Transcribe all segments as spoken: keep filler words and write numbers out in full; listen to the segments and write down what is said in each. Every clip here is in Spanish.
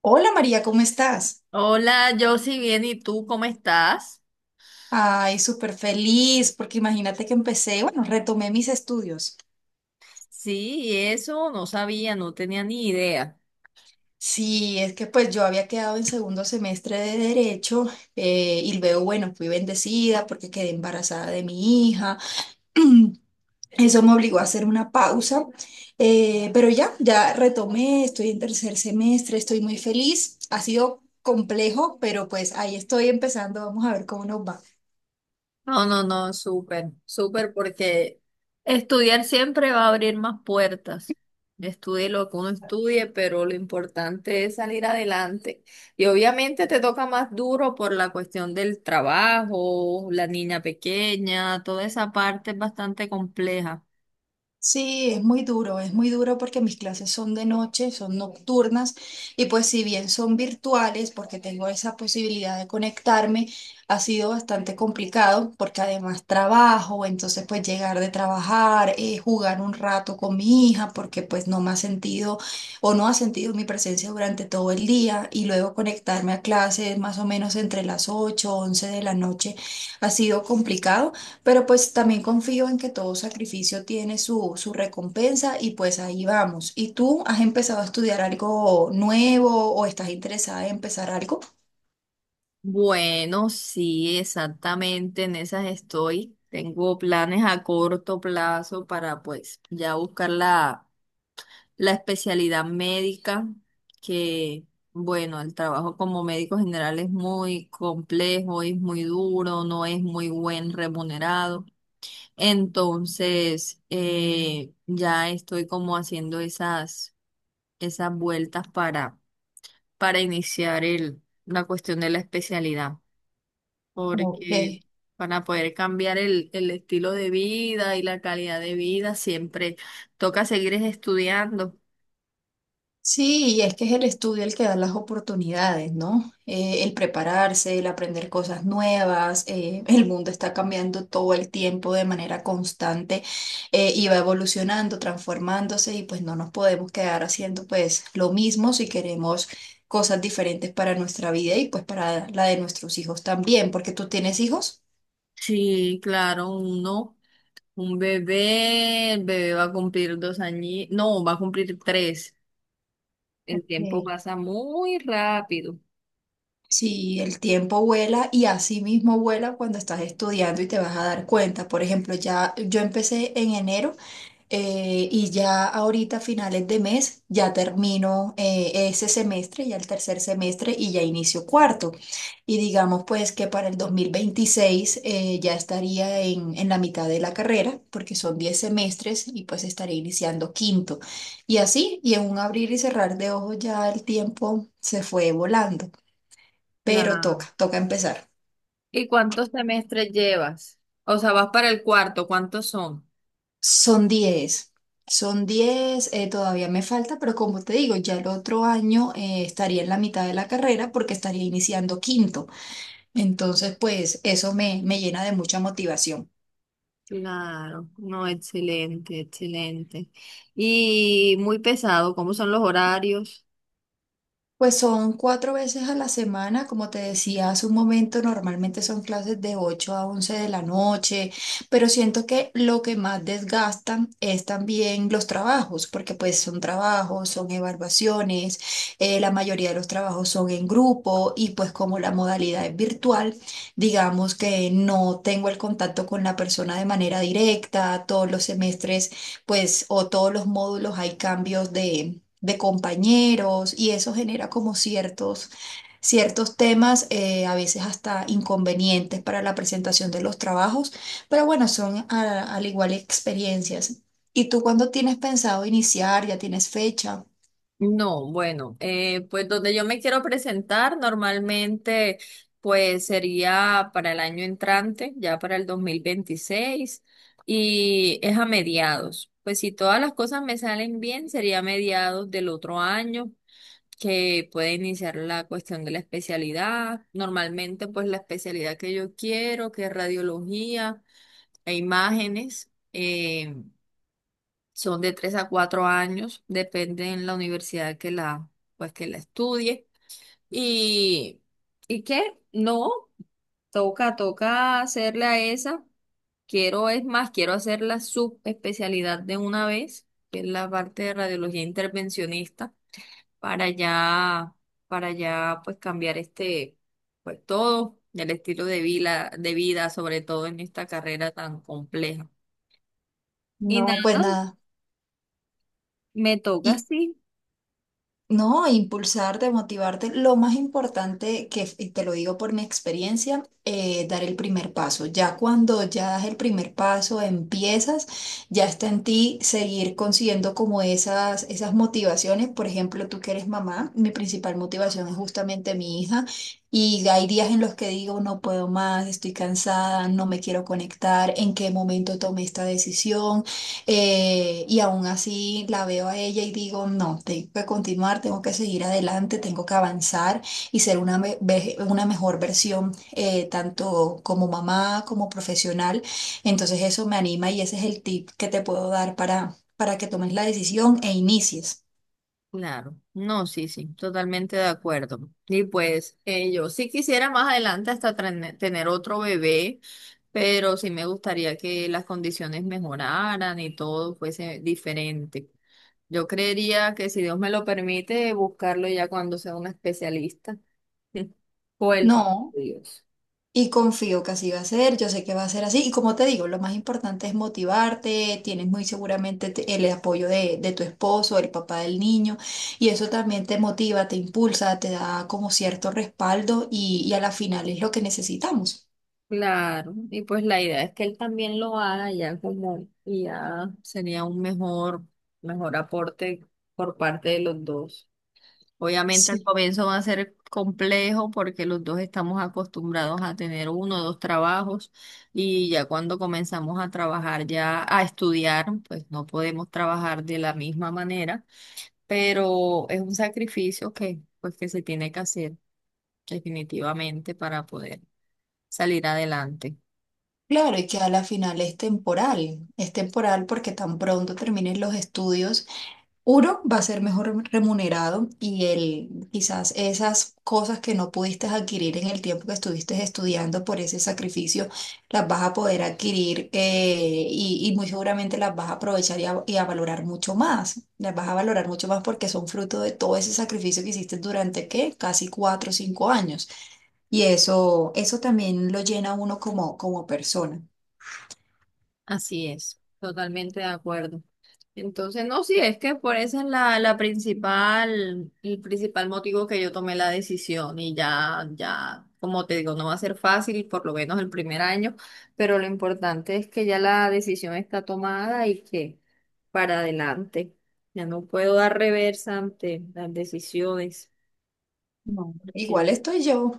Hola María, ¿cómo estás? Hola, yo sí bien, ¿y tú cómo estás? Ay, súper feliz, porque imagínate que empecé, bueno, retomé mis estudios. Sí, y eso no sabía, no tenía ni idea. Sí, es que pues yo había quedado en segundo semestre de Derecho, eh, y luego, bueno, fui bendecida porque quedé embarazada de mi hija. Eso me obligó a hacer una pausa, eh, pero ya, ya retomé, estoy en tercer semestre, estoy muy feliz. Ha sido complejo, pero pues ahí estoy empezando, vamos a ver cómo nos va. No, no, no, súper, súper, porque estudiar siempre va a abrir más puertas. Estudie lo que uno estudie, pero lo importante es salir adelante. Y obviamente te toca más duro por la cuestión del trabajo, la niña pequeña, toda esa parte es bastante compleja. Sí, es muy duro, es muy duro porque mis clases son de noche, son nocturnas, y pues si bien son virtuales porque tengo esa posibilidad de conectarme, ha sido bastante complicado porque además trabajo. Entonces pues llegar de trabajar, eh, jugar un rato con mi hija porque pues no me ha sentido o no ha sentido mi presencia durante todo el día, y luego conectarme a clases más o menos entre las ocho o once de la noche, ha sido complicado. Pero pues también confío en que todo sacrificio tiene su, su recompensa y pues ahí vamos. ¿Y tú has empezado a estudiar algo nuevo o estás interesada en empezar algo? Bueno, sí, exactamente, en esas estoy. Tengo planes a corto plazo para pues ya buscar la, la especialidad médica, que bueno, el trabajo como médico general es muy complejo, es muy duro, no es muy buen remunerado. Entonces, eh, ya estoy como haciendo esas, esas vueltas para, para iniciar el, la cuestión de la especialidad Ok. porque para poder cambiar el, el estilo de vida y la calidad de vida siempre toca seguir es estudiando. Sí, y es que es el estudio el que da las oportunidades, ¿no? Eh, el prepararse, el aprender cosas nuevas, eh, el mundo está cambiando todo el tiempo de manera constante, eh, y va evolucionando, transformándose, y pues no nos podemos quedar haciendo pues lo mismo si queremos cosas diferentes para nuestra vida y pues para la de nuestros hijos también, porque tú tienes hijos. Sí, claro, uno, un bebé, el bebé va a cumplir dos años, no, va a cumplir tres. El tiempo pasa muy rápido. Sí, el tiempo vuela y así mismo vuela cuando estás estudiando y te vas a dar cuenta. Por ejemplo, ya yo empecé en enero, eh, y ya ahorita a finales de mes ya termino eh, ese semestre, ya el tercer semestre y ya inicio cuarto. Y digamos pues que para el dos mil veintiséis, eh, ya estaría en, en la mitad de la carrera porque son diez semestres y pues estaré iniciando quinto. Y así, y en un abrir y cerrar de ojos ya el tiempo se fue volando, pero La... toca, toca empezar. ¿Y cuántos semestres llevas? O sea, vas para el cuarto, ¿cuántos son? Son diez, son diez. Eh, todavía me falta, pero como te digo, ya el otro año, eh, estaría en la mitad de la carrera porque estaría iniciando quinto. Entonces, pues eso me, me llena de mucha motivación. Claro, no, excelente, excelente. Y muy pesado, ¿cómo son los horarios? Pues son cuatro veces a la semana, como te decía hace un momento, normalmente son clases de ocho a once de la noche, pero siento que lo que más desgastan es también los trabajos, porque pues son trabajos, son evaluaciones. Eh, la mayoría de los trabajos son en grupo y pues como la modalidad es virtual, digamos que no tengo el contacto con la persona de manera directa. Todos los semestres pues, o todos los módulos, hay cambios de de compañeros, y eso genera como ciertos, ciertos temas, eh, a veces hasta inconvenientes para la presentación de los trabajos, pero bueno, son a- al igual experiencias. ¿Y tú cuándo tienes pensado iniciar? ¿Ya tienes fecha? No, bueno, eh, pues donde yo me quiero presentar normalmente, pues sería para el año entrante, ya para el dos mil veintiséis y es a mediados. Pues si todas las cosas me salen bien, sería a mediados del otro año que puede iniciar la cuestión de la especialidad. Normalmente, pues la especialidad que yo quiero, que es radiología e imágenes. Eh, son de tres a cuatro años, depende en la universidad que la, pues que la estudie. Y, y qué no, toca, toca hacerle a esa. Quiero, es más, quiero hacer la subespecialidad de una vez, que es la parte de radiología intervencionista, para ya, para ya pues cambiar este, pues todo, el estilo de vida, de vida, sobre todo en esta carrera tan compleja. Y No, pues nada, nada. me toca así. No, impulsarte, motivarte. Lo más importante, que y te lo digo por mi experiencia, eh, dar el primer paso. Ya cuando ya das el primer paso, empiezas, ya está en ti seguir consiguiendo como esas, esas motivaciones. Por ejemplo, tú que eres mamá, mi principal motivación es justamente mi hija. Y hay días en los que digo, no puedo más, estoy cansada, no me quiero conectar, en qué momento tomé esta decisión, eh, y aún así la veo a ella y digo, no, tengo que continuar, tengo que seguir adelante, tengo que avanzar y ser una, me- ve- una mejor versión, eh, tanto como mamá como profesional. Entonces eso me anima y ese es el tip que te puedo dar para, para que tomes la decisión e inicies. Claro, no, sí, sí, totalmente de acuerdo. Y pues eh, yo sí quisiera más adelante hasta tren- tener otro bebé, pero sí me gustaría que las condiciones mejoraran y todo fuese diferente. Yo creería que si Dios me lo permite, buscarlo ya cuando sea un especialista. O el favor No. de Dios. Y confío que así va a ser, yo sé que va a ser así. Y como te digo, lo más importante es motivarte, tienes muy seguramente te- el apoyo de, de tu esposo, el papá del niño, y eso también te motiva, te impulsa, te da como cierto respaldo y, y a la final es lo que necesitamos. Claro, y pues la idea es que él también lo haga ya como, y ya sería un mejor, mejor aporte por parte de los dos. Obviamente al Sí. comienzo va a ser complejo porque los dos estamos acostumbrados a tener uno o dos trabajos y ya cuando comenzamos a trabajar, ya a estudiar, pues no podemos trabajar de la misma manera, pero es un sacrificio que pues que se tiene que hacer definitivamente para poder salir adelante. Claro, y que a la final es temporal, es temporal porque tan pronto termines los estudios. Uno va a ser mejor remunerado y el, quizás esas cosas que no pudiste adquirir en el tiempo que estuviste estudiando por ese sacrificio, las vas a poder adquirir, eh, y, y muy seguramente las vas a aprovechar y a, y a valorar mucho más. Las vas a valorar mucho más porque son fruto de todo ese sacrificio que hiciste durante, ¿qué? Casi cuatro o cinco años. Y eso, eso también lo llena a uno como, como persona. Así es, totalmente de acuerdo. Entonces, no, sí, es que por esa es la, la principal, el principal motivo que yo tomé la decisión y ya, ya, como te digo, no va a ser fácil, por lo menos el primer año, pero lo importante es que ya la decisión está tomada y que para adelante. Ya no puedo dar reversa ante las decisiones, No, igual porque estoy yo.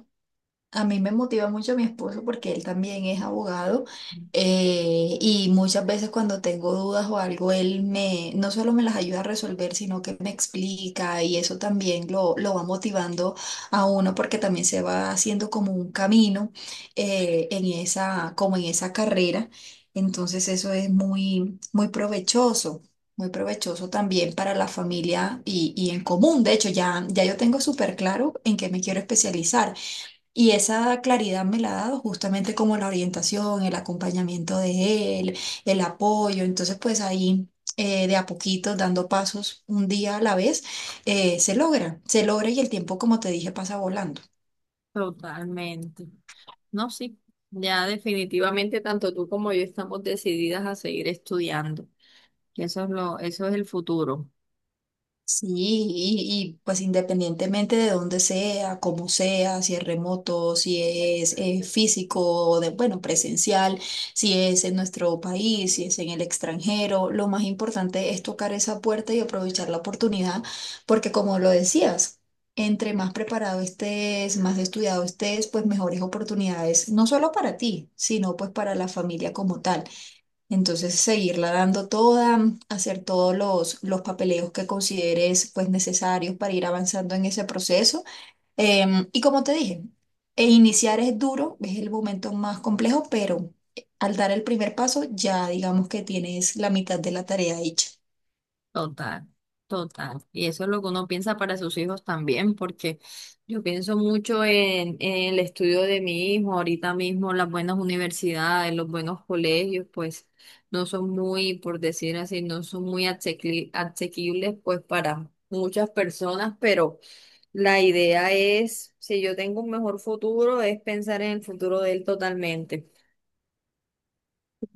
A mí me motiva mucho mi esposo porque él también es abogado, eh, y muchas veces cuando tengo dudas o algo, él me, no solo me las ayuda a resolver, sino que me explica, y eso también lo, lo va motivando a uno porque también se va haciendo como un camino, eh, en esa, como en esa carrera. Entonces eso es muy, muy provechoso. Muy provechoso también para la familia y, y en común. De hecho, ya, ya yo tengo súper claro en qué me quiero especializar. Y esa claridad me la ha dado justamente como la orientación, el acompañamiento de él, el apoyo. Entonces, pues ahí, eh, de a poquito, dando pasos un día a la vez, eh, se logra, se logra, y el tiempo, como te dije, pasa volando. totalmente. No, sí, ya definitivamente tanto tú como yo estamos decididas a seguir estudiando. Y eso es lo, eso es el futuro. Sí, y, y, pues independientemente de dónde sea, cómo sea, si es remoto, si es eh, físico, o de, bueno, presencial, si es en nuestro país, si es en el extranjero, lo más importante es tocar esa puerta y aprovechar la oportunidad, porque como lo decías, entre más preparado estés, más estudiado estés, pues mejores oportunidades, no solo para ti, sino pues para la familia como tal. Entonces, seguirla dando toda, hacer todos los, los papeleos que consideres pues necesarios para ir avanzando en ese proceso. Em, y como te dije, e iniciar es duro, es el momento más complejo, pero eh, al dar el primer paso ya digamos que tienes la mitad de la tarea hecha. Total, total. Y eso es lo que uno piensa para sus hijos también, porque yo pienso mucho en, en el estudio de mi hijo, ahorita mismo las buenas universidades, los buenos colegios, pues no son muy, por decir así, no son muy asequi- asequibles pues para muchas personas, pero la idea es, si yo tengo un mejor futuro, es pensar en el futuro de él totalmente.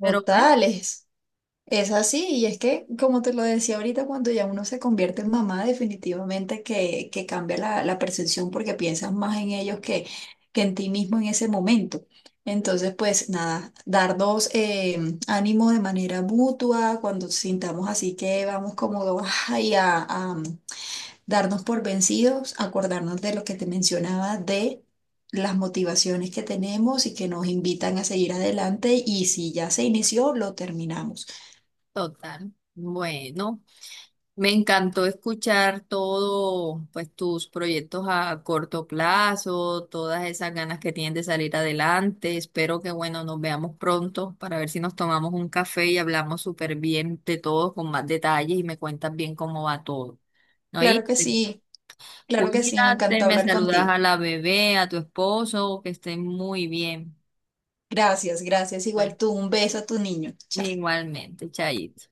Pero bueno, Es así, y es que, como te lo decía ahorita, cuando ya uno se convierte en mamá, definitivamente que, que cambia la, la percepción porque piensas más en ellos que, que en ti mismo en ese momento. Entonces, pues nada, darnos eh, ánimo de manera mutua, cuando sintamos así que vamos como ay, a, a mm, darnos por vencidos, acordarnos de lo que te mencionaba de las motivaciones que tenemos y que nos invitan a seguir adelante, y si ya se inició, lo terminamos. total. Bueno. Me encantó escuchar todo, pues tus proyectos a corto plazo, todas esas ganas que tienes de salir adelante. Espero que, bueno, nos veamos pronto para ver si nos tomamos un café y hablamos súper bien de todo con más detalles y me cuentas bien cómo va todo. ¿No? Claro Y que sí, claro que sí, me encantó cuídate, me hablar saludas contigo. a la bebé, a tu esposo, que estén muy bien. Gracias, gracias. Bueno, Igual tú, un beso a tu niño. Chao. igualmente, Chayito.